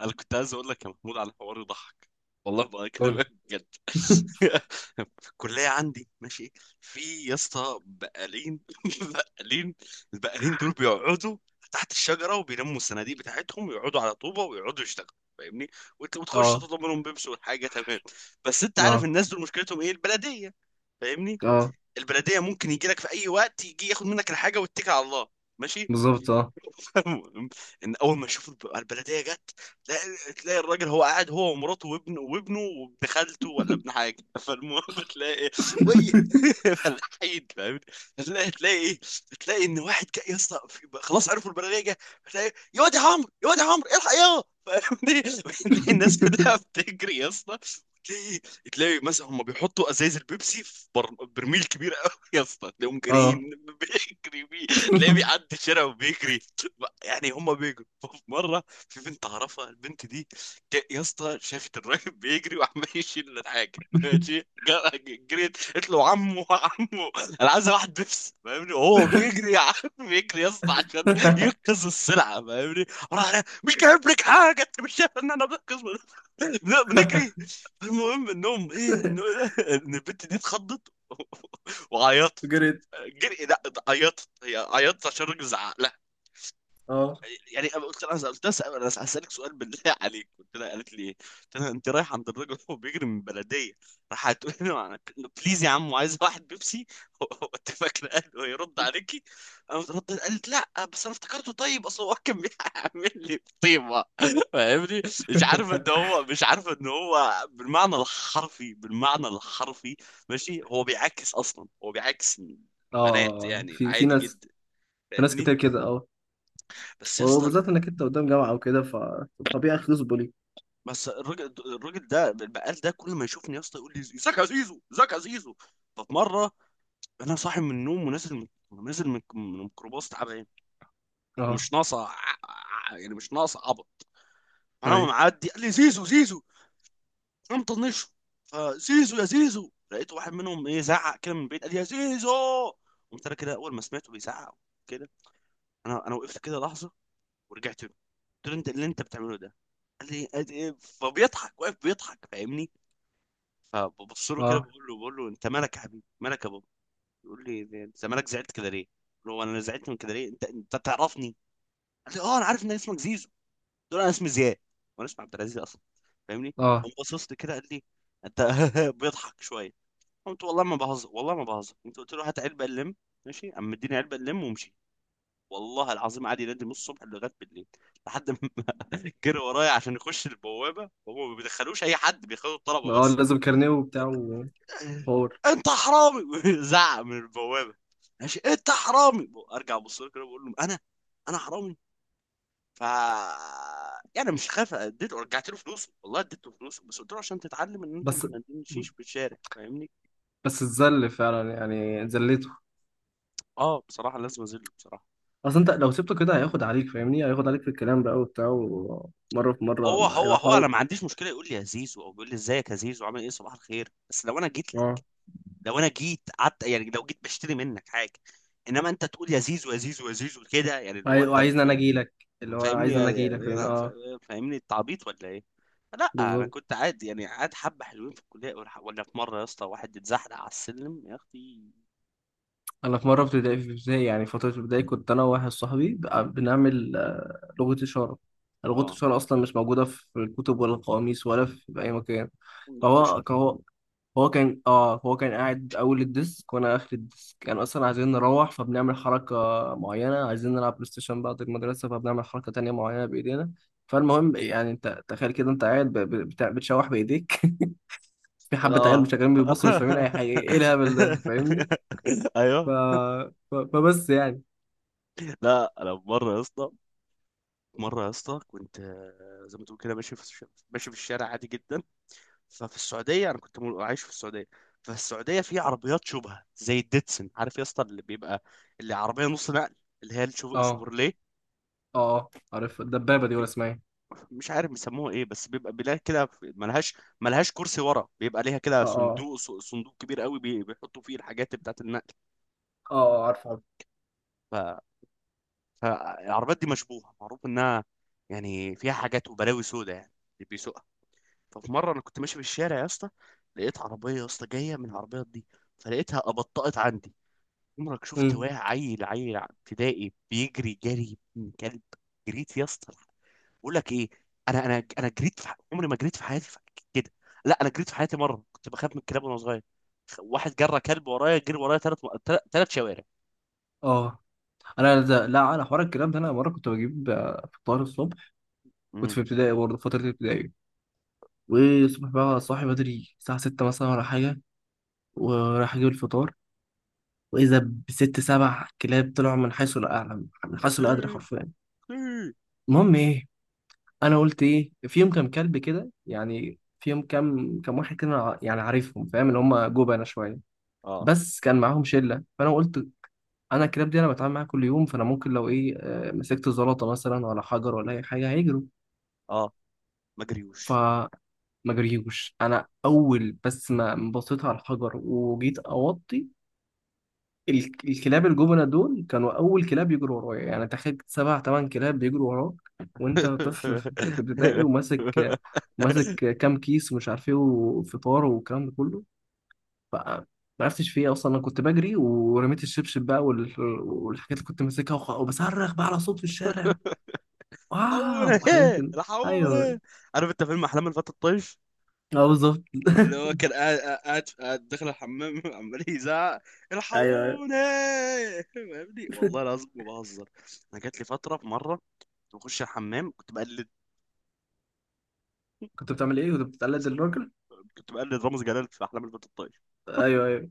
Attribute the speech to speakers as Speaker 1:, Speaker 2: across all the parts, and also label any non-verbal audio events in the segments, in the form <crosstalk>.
Speaker 1: انا كنت عايز اقول لك يا محمود على حوار يضحك. والله
Speaker 2: قول.
Speaker 1: بكلمك بجد.
Speaker 2: <laughs>
Speaker 1: <laughs> في الكليه عندي، ماشي؟ في يا اسطى بقالين، <laughs> بقالين. البقالين دول بيقعدوا تحت الشجره وبيلموا الصناديق بتاعتهم ويقعدوا على طوبه ويقعدوا يشتغلوا، فاهمني؟ وانت بتخش
Speaker 2: اه،
Speaker 1: تطلب منهم بيبسي والحاجه تمام. بس انت عارف
Speaker 2: اه،
Speaker 1: الناس دول مشكلتهم ايه؟ البلديه، فاهمني؟
Speaker 2: اه،
Speaker 1: البلديه ممكن يجي لك في اي وقت، يجي ياخد منك الحاجه ويتكل على الله، ماشي؟
Speaker 2: بالظبط، اه،
Speaker 1: <laughs> ان اول ما يشوفوا البلديه جت، تلاقي الراجل هو قاعد، هو ومراته وابنه وابن خالته ولا ابن حاجه. <laughs> فالمهم بتلاقي إيه؟ وي. <laughs> فالحيد، فاهم؟ تلاقي إيه؟ تلاقي ان واحد جاي يا اسطى خلاص عرفوا البلديه جايه. تلاقي يا واد يا عمرو، يا واد يا عمرو الحق، يا فاهمني. <laughs> تلاقي الناس كلها بتجري يا اسطى. تلاقي إيه؟ تلاقي مثلا هم بيحطوا ازايز البيبسي في برميل كبير قوي يا اسطى، تلاقيهم
Speaker 2: اه.
Speaker 1: جاريين. <laughs> بيجري بيه، تلاقيه بيعدي
Speaker 2: <laughs>
Speaker 1: شارع وبيجري. يعني هما بيجروا. في مره في بنت اعرفها، البنت دي يا اسطى شافت الراجل بيجري وعمال يشيل الحاجه ماشي، جريت قلت له عمو عمو، انا عايز واحد بيبسي، فاهمني؟ وهو بيجري يا عم، بيجري يا اسطى عشان ينقذ السلعه، فاهمني؟ راح أنا مش جايب لك حاجه، انت مش شايف ان انا بنقذ؟ لا، بنجري. المهم انهم ايه، انه ان البنت دي اتخضت <laughs> وعيطت.
Speaker 2: جريت؟
Speaker 1: جري لا، عيطت. هي عيطت عشان الراجل زعق.
Speaker 2: اه،
Speaker 1: يعني انا قلت لها، انا هسالك سؤال بالله <laughs> عليك. قلت لها، قالت لي ايه؟ قلت لها انت رايح عند الراجل وهو بيجري من البلديه، راح هتقول له بليز يا عم عايز واحد بيبسي؟ <laughs> هو انت فاكره قال هيرد عليكي؟ انا ردت، قالت لا بس انا افتكرته، طيب اصل هو كان بيعمل لي طيبه، فاهمني؟ مش عارفه ان هو، مش عارفه ان هو بالمعنى الحرفي، بالمعنى الحرفي، ماشي؟ هو بيعاكس اصلا، هو بيعاكس بنات
Speaker 2: اه.
Speaker 1: يعني،
Speaker 2: في
Speaker 1: عادي
Speaker 2: ناس.
Speaker 1: جدا،
Speaker 2: في ناس
Speaker 1: فاهمني؟
Speaker 2: كتير كده، اه.
Speaker 1: بس يا اسطى،
Speaker 2: وبالذات انك انت قدام جامعه او كده، ف طبيعي يخلصوا ليك.
Speaker 1: بس الراجل، الراجل ده البقال ده كل ما يشوفني يا اسطى يقول لي ازيك يا زيزو، ازيك يا زيزو. ففي مره انا صاحي من النوم ونازل، نازل من الميكروباص تعبان
Speaker 2: اه.
Speaker 1: ومش ناقصه يعني مش ناقصه عبط. انا
Speaker 2: طيب.
Speaker 1: معدي قال لي زيزو زيزو، انا مطنشه. فزيزو يا زيزو، لقيت واحد منهم ايه زعق كده من بعيد قال لي يا زيزو. قمت انا كده اول ما سمعته بيزعق كده، انا وقفت كده لحظه ورجعت له، قلت له انت اللي انت بتعمله ده؟ قال لي إيه؟ فبيضحك، واقف بيضحك، فاهمني؟ فببص له كده،
Speaker 2: اه،
Speaker 1: بقول له انت مالك يا حبيبي، مالك يا بابا؟ يقول لي انت مالك زعلت كده ليه؟ بقول له انا زعلت من كده ليه؟ انت تعرفني؟ قال لي اه، انا عارف ان اسمك زيزو. قلت له انا اسمي زياد، وانا اسمي عبد العزيز اصلا، فاهمني؟
Speaker 2: اه،
Speaker 1: قام باصص لي كده قال لي انت. <laughs> بيضحك شويه. قلت والله ما بهزر، والله ما بهزر انت. قلت له هات علبه اللم، ماشي. قام مديني علبه اللم ومشي. والله العظيم قعد ينادي من الصبح لغايه بالليل، لحد ما <laughs> جري ورايا عشان يخش البوابه، وهو ما بيدخلوش اي حد، بياخدوا الطلبه
Speaker 2: اه،
Speaker 1: بس.
Speaker 2: لازم كارنيه وبتاع وحوار.
Speaker 1: انت حرامي! <laughs> زعق من البوابه، ماشي، انت حرامي. ارجع ابص له كده بقول له انا، انا حرامي؟ ف، يعني مش خايف. اديته، رجعت له فلوسه، والله اديته فلوسه، بس قلت له عشان تتعلم ان انت
Speaker 2: بس
Speaker 1: ما تندمشيش في الشارع، فاهمني؟
Speaker 2: بس اتذل فعلا، يعني ذليته.
Speaker 1: اه، بصراحه لازم اذله بصراحه،
Speaker 2: اصل انت
Speaker 1: فاهمني؟
Speaker 2: لو سبته كده هياخد عليك، فاهمني؟ هياخد عليك في الكلام بقى وبتاع، ومره في مره
Speaker 1: هو هو
Speaker 2: هيبقى
Speaker 1: هو
Speaker 2: الحوار.
Speaker 1: انا ما عنديش مشكله يقول لي يا زيزو، او بيقول لي ازيك يا زيزو، عامل ايه، صباح الخير. بس لو انا جيت
Speaker 2: اه.
Speaker 1: لك، لو انا جيت قعدت يعني، لو جيت بشتري منك حاجه. انما انت تقول يا زيزو يا زيزو يا زيزو كده، يعني اللي هو انت
Speaker 2: وعايزني انا
Speaker 1: بت...
Speaker 2: اجي لك. اللي هو
Speaker 1: فاهمني
Speaker 2: عايزني انا اجي لك، فاهمني؟ اه،
Speaker 1: يعني- فاهمني التعبيط ولا ايه؟ لا انا
Speaker 2: بالظبط.
Speaker 1: كنت عادي يعني قاعد، حبه حلوين في الكليه. ولا في مره يا اسطى واحد اتزحلق على السلم، يا اختي!
Speaker 2: انا في مره، في ابتدائي، يعني فتره ابتدائي، كنت انا وواحد صاحبي بنعمل لغه اشاره. لغه
Speaker 1: اه،
Speaker 2: الاشاره اصلا مش موجوده في الكتب ولا القواميس ولا في اي مكان.
Speaker 1: اختي شر.
Speaker 2: فهو هو هو كان اه هو كان قاعد اول الديسك، وانا اخر الديسك. كان اصلا عايزين نروح، فبنعمل حركه معينه. عايزين نلعب بلاي ستيشن بعد المدرسه، فبنعمل حركه تانية معينه بايدينا. فالمهم يعني، انت تخيل كده انت قاعد بتشوح بايديك. <laughs> في حبة عيال مش
Speaker 1: اه.
Speaker 2: شغالين بيبصوا مش فاهمين أي
Speaker 1: <laughs>
Speaker 2: حاجة، إيه الهبل ده؟ فاهمني؟ ف...
Speaker 1: ايوه.
Speaker 2: فبس يعني.
Speaker 1: لا انا في مره يا اسطى، في مره يا اسطى كنت زي ما تقول كده ماشي في ماشي في الشارع عادي جدا. ففي السعوديه انا كنت عايش في السعوديه. ففي السعوديه في عربيات شبهه زي الديتسن، عارف يا اسطى؟ اللي بيبقى، اللي عربيه نص نقل، اللي هي
Speaker 2: أه،
Speaker 1: الشوفرليه.
Speaker 2: أه، عارف الدبابة دي ولا اسمها إيه؟
Speaker 1: مش عارف بيسموها ايه بس بيبقى بيلاقي كده ملهاش، ملهاش كرسي ورا، بيبقى ليها كده
Speaker 2: أه، أه،
Speaker 1: صندوق، صندوق كبير قوي، بيحطوا فيه الحاجات بتاعت النقل.
Speaker 2: أه، عارف، عارف.
Speaker 1: ف... فالعربيات دي مشبوهه، معروف انها يعني فيها حاجات وبلاوي سودة يعني اللي بيسوقها. ففي مره انا كنت ماشي في الشارع يا اسطى، لقيت عربيه يا اسطى جايه من العربيات دي، فلقيتها ابطأت عندي. عمرك شفت
Speaker 2: أمم،
Speaker 1: واحد عيل، عيل ابتدائي بيجري جري من كلب؟ جريت يا اسطى، بقول لك ايه، انا جريت عمري ما جريت في حياتي كده. لا انا جريت في حياتي مره، كنت بخاف من الكلاب وانا صغير. واحد جرى كلب ورايا، جري ورايا ثلاث شوارع.
Speaker 2: أه. لا، أنا حوار الكلام ده، أنا مرة كنت بجيب فطار الصبح. كنت
Speaker 1: امم
Speaker 2: في ابتدائي برضه، فترة ابتدائي. والصبح بقى صاحي بدري، الساعة 6 مثلا ولا حاجة، ورايح أجيب الفطار. وإذا بست سبع كلاب طلعوا من حيث لا أعلم، من
Speaker 1: يا
Speaker 2: حيث
Speaker 1: اختي،
Speaker 2: لا أدري،
Speaker 1: يا
Speaker 2: حرفيا.
Speaker 1: اختي!
Speaker 2: المهم إيه، انا قلت ايه فيهم كام كلب كده، يعني فيهم كام واحد كده، أنا يعني عارفهم، فاهم اللي هم جبنه شويه،
Speaker 1: اه.
Speaker 2: بس كان معاهم شله. فانا قلت انا الكلاب دي انا بتعامل معاها كل يوم، فانا ممكن لو ايه، مسكت زلطه مثلا ولا حجر ولا اي حاجه هيجروا.
Speaker 1: اه، ما جريوش.
Speaker 2: فما جريوش، انا اول بس ما بصيت على الحجر وجيت اوطي، الكلاب الجبنة دول كانوا أول كلاب يجروا ورايا. يعني تخيل سبع تمن كلاب بيجروا وراك، وأنت طفل في ابتدائي،
Speaker 1: <laughs>
Speaker 2: وماسك كام كيس ومش عارف إيه وفطار والكلام ده كله. ف- ما عرفتش في إيه أصلا. أنا كنت بجري ورميت الشبشب بقى والحاجات اللي كنت ماسكها، وبصرخ بقى على صوت في الشارع، واو، وحاجات
Speaker 1: الحقوني،
Speaker 2: كده. أيوه.
Speaker 1: الحقوني! عارف انت فيلم احلام الفتى الطيش؟
Speaker 2: أه، بالظبط.
Speaker 1: اللي هو
Speaker 2: <laughs>
Speaker 1: كان قاعد داخل الحمام، <laughs> عمال يزعق
Speaker 2: أيوه، أيوه.
Speaker 1: الحقوني، فاهمني؟ <laughs> والله العظيم ما بهزر، انا جات لي فتره في مره كنت بخش الحمام كنت بقلد،
Speaker 2: كنت بتعمل إيه؟ كنت بتقلد الراجل؟
Speaker 1: كنت بقلد رامز جلال في احلام البنت الطايش.
Speaker 2: أيوه، أيوه.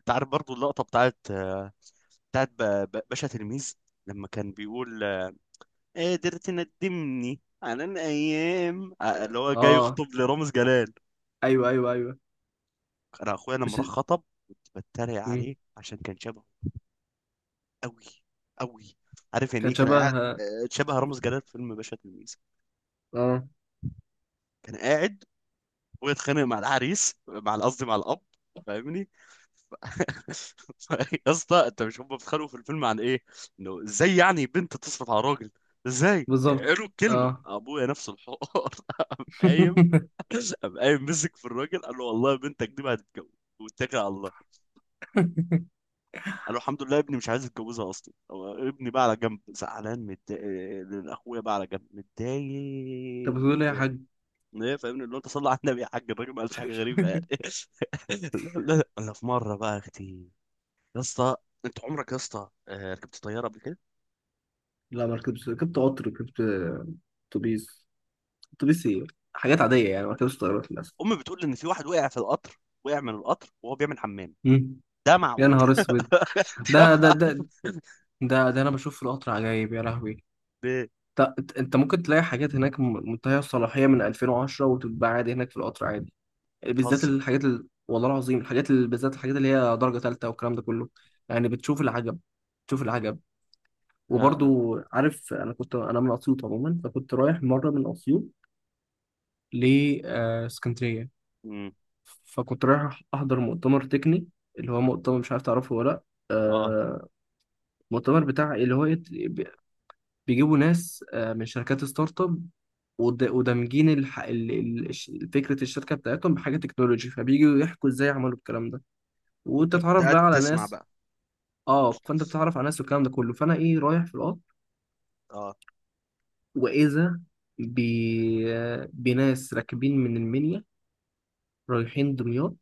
Speaker 1: انت عارف برضو اللقطه بتاعت بتاعت باشا تلميذ، لما كان بيقول قادر تندمني على الايام، اللي هو جاي
Speaker 2: أه.
Speaker 1: يخطب لرامز جلال.
Speaker 2: أيوه، أيوه، أيوه.
Speaker 1: انا اخويا لما
Speaker 2: مش.
Speaker 1: راح خطب كنت بتريق
Speaker 2: مم.
Speaker 1: عليه عشان كان شبهه قوي، قوي. عارف يعني ايه؟
Speaker 2: كان
Speaker 1: كان
Speaker 2: شبه.
Speaker 1: قاعد شبه رامز جلال في فيلم باشا تلميذ،
Speaker 2: اه،
Speaker 1: كان قاعد واتخانق مع العريس، مع قصدي مع الاب، فاهمني؟ ف- <laughs> يا اسطى انت مش هم بيتخانقوا في الفيلم عن ايه؟ انه ازاي يعني بنت تصرف على راجل؟ ازاي
Speaker 2: بالظبط،
Speaker 1: قالوا الكلمه؟
Speaker 2: اه.
Speaker 1: ابويا نفس الحوار. <laughs> قام قايم
Speaker 2: <laughs>
Speaker 1: قام قايم مسك في الراجل قال له والله بنتك دي ما هتتجوز، واتكل على الله. قال له الحمد لله، ابني مش عايز يتجوزها اصلا. هو ابني بقى على جنب زعلان متضايق، اخويا بقى على جنب
Speaker 2: طب
Speaker 1: متضايق.
Speaker 2: بتقول ايه يا حاج؟
Speaker 1: ايه، فاهمني؟ اللي هو انت صلى على النبي يا حاج، الراجل ما قالش حاجه غريبه يعني. <laughs> لا انا في مره بقى، يا اختي، يا اسطى، انت عمرك يا اسطى ركبت طياره قبل كده؟
Speaker 2: لا، ما ركبتش. ركبت قطر، ركبت اتوبيس. اتوبيس، ايه، حاجات عاديه يعني. ما ركبتش طيارات للاسف.
Speaker 1: امي بتقول ان في واحد وقع في القطر، وقع من القطر وهو بيعمل حمام.
Speaker 2: مم.
Speaker 1: ده
Speaker 2: يا
Speaker 1: معقول؟
Speaker 2: نهار اسود.
Speaker 1: <laughs> ده
Speaker 2: ده ده ده
Speaker 1: معقول؟
Speaker 2: ده انا بشوف في القطر عجايب يا لهوي.
Speaker 1: ليه؟
Speaker 2: انت ممكن تلاقي حاجات هناك منتهيه الصلاحيه من 2010 وتتباع عادي هناك في القطر عادي. بالذات
Speaker 1: بتهزر؟
Speaker 2: الحاجات والله العظيم الحاجات بالذات الحاجات اللي هي درجه ثالثه والكلام ده كله. يعني بتشوف العجب. تشوف العجب.
Speaker 1: لا انا.
Speaker 2: وبرضو عارف، انا كنت، انا من اسيوط عموما. فكنت رايح مره من اسيوط لاسكندريه،
Speaker 1: امم.
Speaker 2: فكنت رايح احضر مؤتمر تقني. اللي هو مؤتمر، مش عارف تعرفه ولا لا.
Speaker 1: اه.
Speaker 2: آه، مؤتمر بتاع اللي هو بيجيبوا ناس، من شركات ستارت اب. ودمجين الح... ال- ال- الش- فكرة الشركة بتاعتهم بحاجة تكنولوجي، فبييجوا يحكوا ازاي عملوا الكلام ده،
Speaker 1: وانت كنت
Speaker 2: وتتعرف
Speaker 1: قاعد
Speaker 2: بقى على
Speaker 1: بتسمع
Speaker 2: ناس.
Speaker 1: بقى.
Speaker 2: اه. فانت بتتعرف على ناس والكلام ده كله. فانا ايه، رايح في القطر،
Speaker 1: اه.
Speaker 2: وإذا ب... بناس راكبين من المنيا، رايحين دمياط،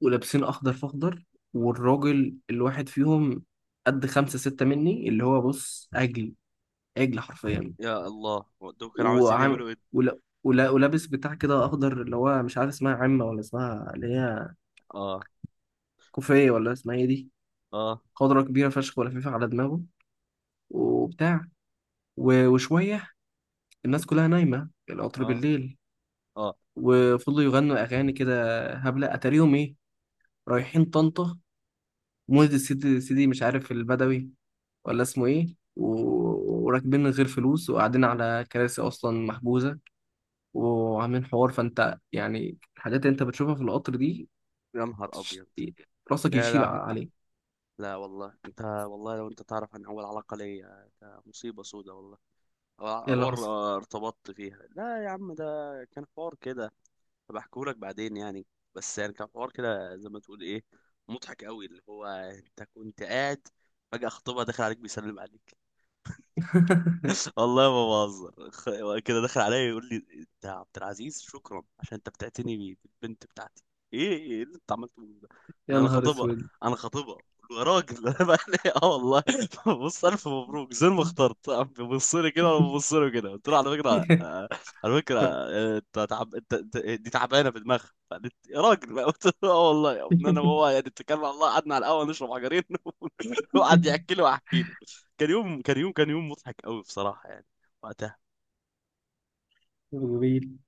Speaker 2: ولابسين أخضر في أخضر. والراجل الواحد فيهم قد خمسة ستة مني، اللي هو بص عجل، عجل حرفيا.
Speaker 1: يا الله، دول كانوا عاوزين
Speaker 2: وعم...
Speaker 1: يعملوا ايه؟
Speaker 2: ولا... ولابس بتاع كده أخضر، اللي هو مش عارف اسمها عمة ولا اسمها اللي هي
Speaker 1: اه.
Speaker 2: كوفية، ولا اسمها ايه دي.
Speaker 1: اه.
Speaker 2: خضرة كبيرة فشخ ولفيفة على دماغه، وبتاع. وشوية، الناس كلها نايمة القطر
Speaker 1: اه.
Speaker 2: بالليل،
Speaker 1: اه.
Speaker 2: وفضلوا يغنوا أغاني كده هبلة. أتاريهم إيه؟ رايحين طنطا، مولد السيدي، سيدي مش عارف البدوي ولا اسمه ايه. وراكبين من غير فلوس وقاعدين على كراسي اصلا محجوزه، وعاملين حوار. فانت يعني الحاجات اللي انت بتشوفها في القطر دي،
Speaker 1: يا نهار
Speaker 2: بتش-
Speaker 1: ابيض.
Speaker 2: راسك
Speaker 1: لا
Speaker 2: يشيب
Speaker 1: لا،
Speaker 2: عليه.
Speaker 1: لا والله، انت والله لو انت تعرف عن اول علاقة ليا، ده مصيبة سودة والله. او،
Speaker 2: ايه اللي حصل؟
Speaker 1: ارتبطت فيها، لا يا عم ده كان حوار كده، بحكيهولك بعدين يعني. بس يعني كان حوار كده زي ما تقول ايه، مضحك قوي. اللي هو انت كنت قاعد، فجأة خطيبها داخل عليك بيسلم عليك.
Speaker 2: <laughs>
Speaker 1: والله ما بهزر، كده دخل عليا يقول لي انت يا عبد العزيز شكرا عشان انت بتعتني بالبنت بتاعتي. ايه ايه، إيه اللي انت عملته من ده؟
Speaker 2: يا
Speaker 1: انا، انا
Speaker 2: نهار
Speaker 1: خطيبها.
Speaker 2: اسود.
Speaker 1: قلت له يا راجل، <laughs> انا بقى اه والله. <laughs> بص الف مبروك زي ما اخترت. قام بيبص لي كده وانا ببص له كده، قلت له على فكره
Speaker 2: <laughs>
Speaker 1: على فكره انت تعب، دي تعبانه في دماغها. فقالت يا راجل، <laughs> بقى قلت له اه والله يا ابني انا وهو يعني اتكلنا على الله، قعدنا على القهوه نشرب حجرين <laughs> وقعد يحكي لي واحكي له. كان يوم مضحك قوي بصراحة يعني، وقتها.
Speaker 2: <laughs> غريب.